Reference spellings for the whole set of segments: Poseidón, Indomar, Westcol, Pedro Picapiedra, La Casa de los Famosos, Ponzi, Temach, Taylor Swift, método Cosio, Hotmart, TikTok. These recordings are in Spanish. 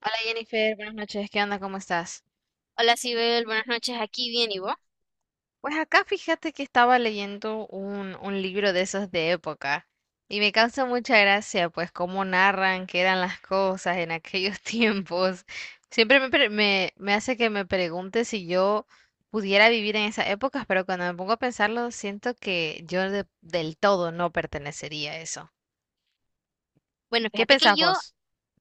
Hola Jennifer, buenas noches, ¿qué onda? ¿Cómo estás? Hola, Sibel, buenas noches, aquí bien, ¿y vos? Pues acá fíjate que estaba leyendo un libro de esos de época y me causa mucha gracia pues cómo narran que eran las cosas en aquellos tiempos. Siempre me, pre- Me hace que me pregunte si yo pudiera vivir en esas épocas, pero cuando me pongo a pensarlo siento que yo del todo no pertenecería a eso. Bueno, ¿Qué fíjate que pensás yo, vos?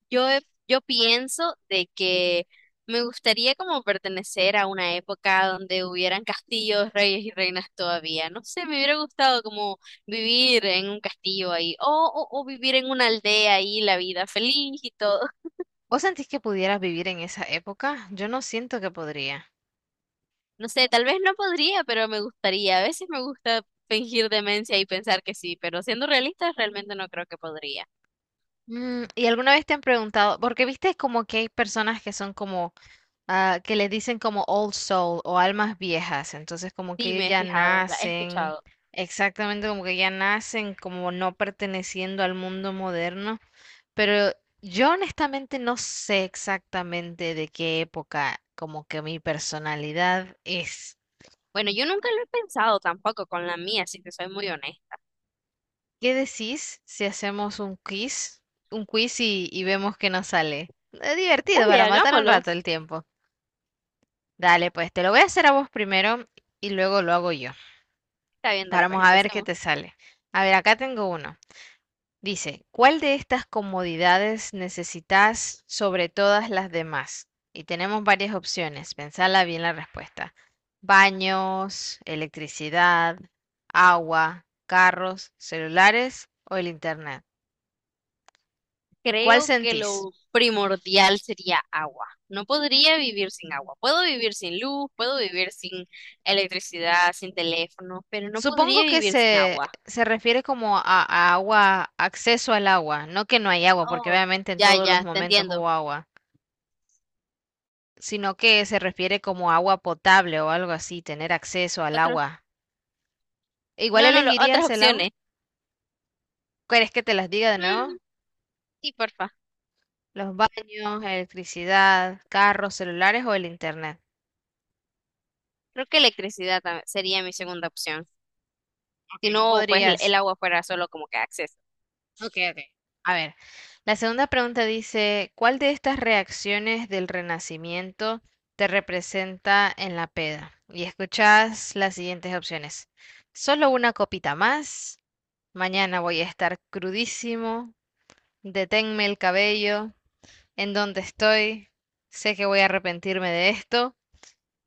yo, he- yo pienso de que me gustaría como pertenecer a una época donde hubieran castillos, reyes y reinas todavía. No sé, me hubiera gustado como vivir en un castillo ahí, o vivir en una aldea ahí, la vida feliz y todo. ¿Vos sentís que pudieras vivir en esa época? Yo no siento que podría. No sé, tal vez no podría, pero me gustaría. A veces me gusta fingir demencia y pensar que sí, pero siendo realistas, realmente no creo que podría. Mm, ¿y alguna vez te han preguntado? Porque viste como que hay personas que son como, ah, que les dicen como old soul o almas viejas, entonces como que Sí, ellos me he ya fijado, la he nacen, escuchado. exactamente como que ya nacen como no perteneciendo al mundo moderno, pero yo honestamente no sé exactamente de qué época como que mi personalidad es. Bueno, yo nunca lo he pensado tampoco con la mía, si te soy muy honesta. ¿Qué decís si hacemos un quiz y vemos qué nos sale? Es divertido Dale, para matar un hagámoslo. rato el tiempo. Dale, pues te lo voy a hacer a vos primero y luego lo hago yo. Está bien, dale, pues Vamos a ver qué empecemos. te sale. A ver, acá tengo uno. Dice, ¿cuál de estas comodidades necesitas sobre todas las demás? Y tenemos varias opciones. Pensala bien la respuesta. Baños, electricidad, agua, carros, celulares o el internet. ¿Cuál Creo que sentís? lo primordial sería agua. No podría vivir sin agua. Puedo vivir sin luz, puedo vivir sin electricidad, sin teléfono, pero no podría Supongo que vivir sin agua. se refiere como a agua, acceso al agua, no que no hay agua, porque Oh. obviamente en Ya, todos los ya, te momentos entiendo. hubo agua, sino que se refiere como agua potable o algo así, tener acceso al Otro. agua. Igual No, no, lo- otras elegirías el agua. opciones. ¿Quieres que te las diga de nuevo? Mm, sí, porfa. Los baños, electricidad, carros, celulares o el internet. Creo que electricidad tam- sería mi segunda opción. Si Ok, no no, pues el podrías. agua fuera solo como que acceso. Ok, ok. A ver, la segunda pregunta dice, ¿cuál de estas reacciones del Renacimiento te representa en la peda? Y escuchas las siguientes opciones. Solo una copita más, mañana voy a estar crudísimo, deténme el cabello, ¿en dónde estoy? Sé que voy a arrepentirme de esto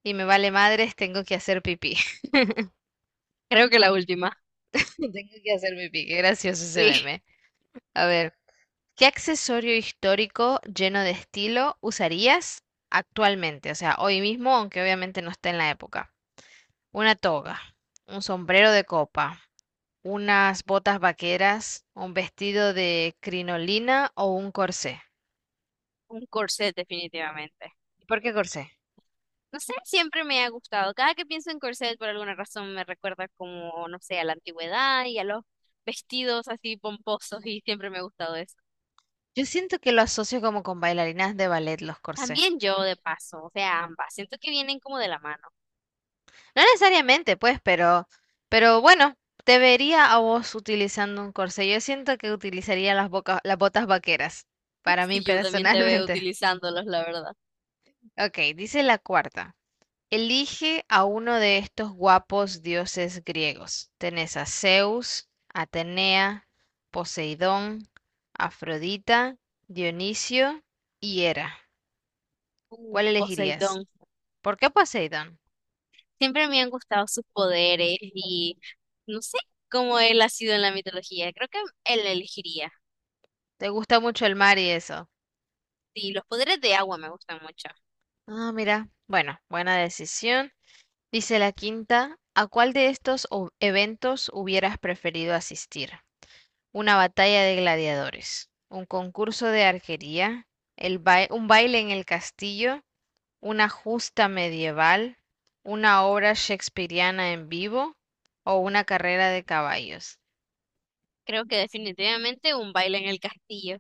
y me vale madres, tengo que hacer pipí. Creo que la última. Tengo que hacer pipí, qué gracioso ese Sí. meme. A ver. ¿Qué accesorio histórico lleno de estilo usarías actualmente? O sea, hoy mismo, aunque obviamente no esté en la época. Una toga, un sombrero de copa, unas botas vaqueras, un vestido de crinolina o un corsé. Un corset, definitivamente. ¿Y por qué corsé? No sé, siempre me ha gustado. Cada que pienso en corset, por alguna razón me recuerda como, no sé, a la antigüedad y a los vestidos así pomposos y siempre me ha gustado eso. Yo siento que lo asocio como con bailarinas de ballet los corsés. También yo, de paso, o sea, ambas. Siento que vienen como de la mano. No necesariamente, pues, pero bueno, te vería a vos utilizando un corsé. Yo siento que utilizaría las las botas vaqueras, para mí Sí, yo también te veo personalmente. utilizándolos, la verdad. Ok, dice la cuarta. Elige a uno de estos guapos dioses griegos. Tenés a Zeus, Atenea, Poseidón, Afrodita, Dionisio y Hera. ¿Cuál elegirías? Poseidón. ¿Por qué Poseidón? Siempre me han gustado sus poderes y no sé cómo él ha sido en la mitología. Creo que él elegiría. ¿Te gusta mucho el mar y eso? Sí, los poderes de agua me gustan mucho. Ah, mira. Bueno, buena decisión. Dice la quinta. ¿A cuál de estos eventos hubieras preferido asistir? Una batalla de gladiadores, un concurso de arquería, un baile en el castillo, una justa medieval, una obra shakespeariana en vivo o una carrera de caballos. Creo que definitivamente un baile en el castillo.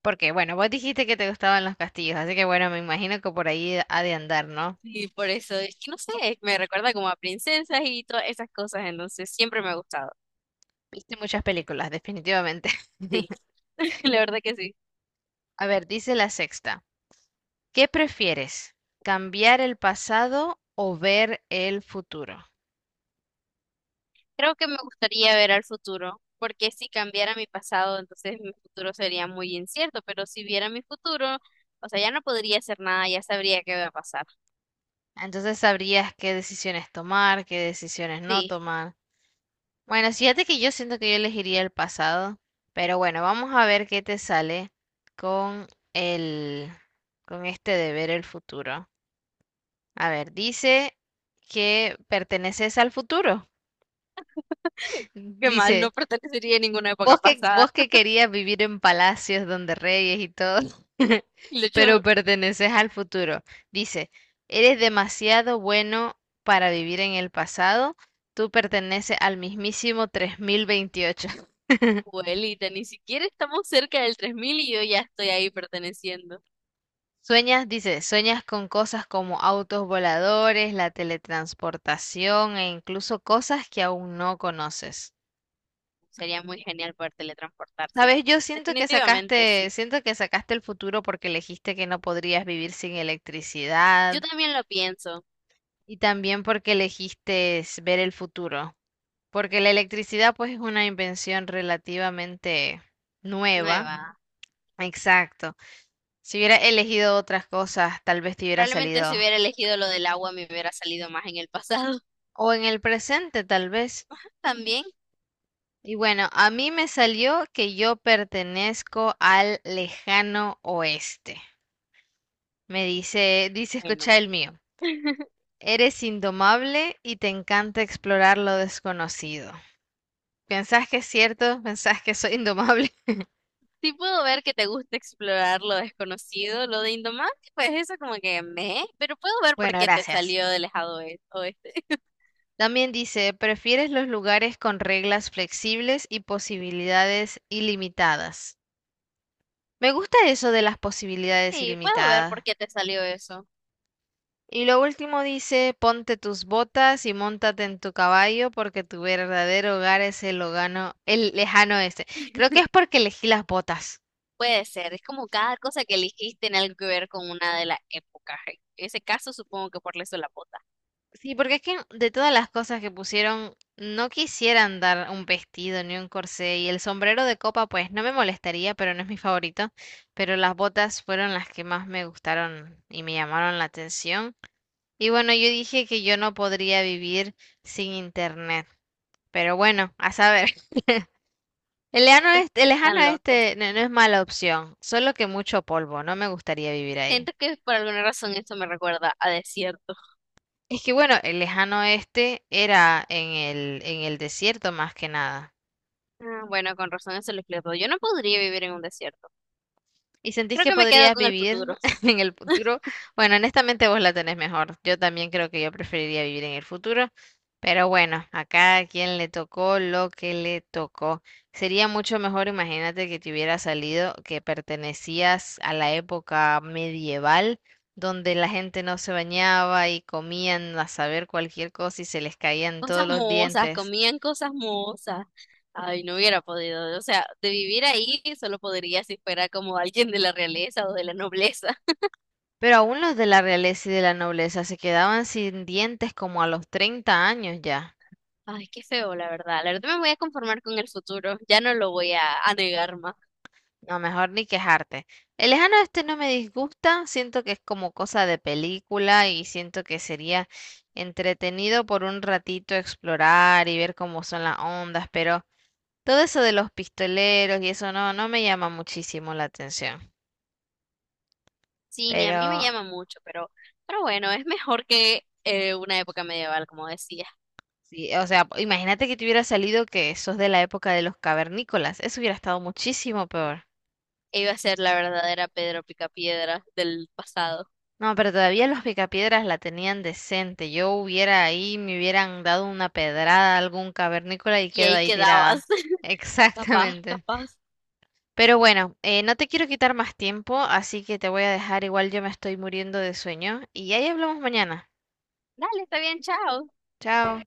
Porque, bueno, vos dijiste que te gustaban los castillos, así que bueno, me imagino que por ahí ha de andar, ¿no? Y por eso es que no sé, me recuerda como a princesas y todas esas cosas. Entonces siempre me ha gustado. Viste muchas películas, definitivamente. Sí, la verdad que sí. A ver, dice la sexta. ¿Qué prefieres? ¿Cambiar el pasado o ver el futuro? Creo que me gustaría ver al futuro, porque si cambiara mi pasado, entonces mi futuro sería muy incierto. Pero si viera mi futuro, o sea, ya no podría hacer nada, ya sabría qué va a pasar. Entonces sabrías qué decisiones tomar, qué decisiones no Sí. tomar. Bueno, fíjate que yo siento que yo elegiría el pasado, pero bueno, vamos a ver qué te sale con el, con este de ver el futuro. A ver, dice que perteneces al futuro. Qué mal, no Dice, pertenecería a ninguna época vos pasada. vos que querías vivir en palacios donde reyes y todo, Y de pero hecho, perteneces al futuro. Dice, eres demasiado bueno para vivir en el pasado. Tú perteneces al mismísimo 3028. abuelita, ni siquiera estamos cerca del 3000 y yo ya estoy ahí perteneciendo. Sueñas, dice, sueñas con cosas como autos voladores, la teletransportación e incluso cosas que aún no conoces. Sería muy genial poder teletransportarse. Sabes, yo Definitivamente, sí. siento que sacaste el futuro porque elegiste que no podrías vivir sin Yo electricidad, también lo pienso. y también porque elegiste es ver el futuro, porque la electricidad pues es una invención relativamente nueva. Nueva. Exacto. Si hubiera elegido otras cosas, tal vez te hubiera Probablemente si salido. hubiera elegido lo del agua me hubiera salido más en el pasado. O en el presente, tal vez. También, Y bueno, a mí me salió que yo pertenezco al lejano oeste. Me dice, dice, bueno. escucha el mío. Eres indomable y te encanta explorar lo desconocido. ¿Pensás que es cierto? ¿Pensás que soy indomable? Sí puedo ver que te gusta explorar lo desconocido, lo de Indomar, pues eso como que me, pero puedo ver por Bueno, qué te gracias. salió del lejado oeste. También dice, ¿prefieres los lugares con reglas flexibles y posibilidades ilimitadas? Me gusta eso de las posibilidades Sí, puedo ver por ilimitadas. qué te salió eso. Y lo último dice, ponte tus botas y móntate en tu caballo porque tu verdadero hogar es el lejano este. Creo que es porque elegí las botas. Puede ser, es como cada cosa que elegiste tiene algo que ver con una de las épocas. En ese caso, supongo que por eso la bota. Sí, porque es que de todas las cosas que pusieron, no quisieran dar un vestido ni un corsé y el sombrero de copa, pues no me molestaría, pero no es mi favorito. Pero las botas fueron las que más me gustaron y me llamaron la atención. Y bueno, yo dije que yo no podría vivir sin internet. Pero bueno, a saber. El lejano Estos que este, están locos. No es mala opción, solo que mucho polvo, no me gustaría vivir ahí. Siento que por alguna razón esto me recuerda a desierto. Es que bueno, el lejano este era en en el desierto más que nada. Ah, bueno, con razón eso lo explico. Yo no podría vivir en un desierto. ¿Y sentís Creo que que me quedo podrías con el vivir futuro. en el futuro? Bueno, honestamente vos la tenés mejor. Yo también creo que yo preferiría vivir en el futuro, pero bueno, a cada quien le tocó lo que le tocó. Sería mucho mejor, imagínate, que te hubiera salido que pertenecías a la época medieval, donde la gente no se bañaba y comían a saber cualquier cosa y se les caían Cosas todos los mohosas, dientes. comían cosas mohosas. Ay, no hubiera podido. O sea, de vivir ahí solo podría si fuera como alguien de la realeza o de la nobleza. Pero aún los de la realeza y de la nobleza se quedaban sin dientes como a los 30 años ya. Ay, qué feo, la verdad. La verdad me voy a conformar con el futuro. Ya no lo voy a negar más. No, mejor ni quejarte. El lejano este no me disgusta, siento que es como cosa de película y siento que sería entretenido por un ratito explorar y ver cómo son las ondas, pero todo eso de los pistoleros y eso no, no me llama muchísimo la atención. Sí, ni a mí me Pero llama mucho, pero bueno, es mejor que una época medieval, como decía. sí, o sea, imagínate que te hubiera salido que sos de la época de los cavernícolas, eso hubiera estado muchísimo peor. Iba a ser la verdadera Pedro Picapiedra del pasado. No, pero todavía los picapiedras la tenían decente. Yo hubiera ahí, me hubieran dado una pedrada a algún cavernícola y Y quedo ahí ahí quedabas. tirada. Capaz, Exactamente. capaz. Pero bueno, no te quiero quitar más tiempo, así que te voy a dejar. Igual yo me estoy muriendo de sueño. Y ahí hablamos mañana. Dale, está bien, chao. Chao.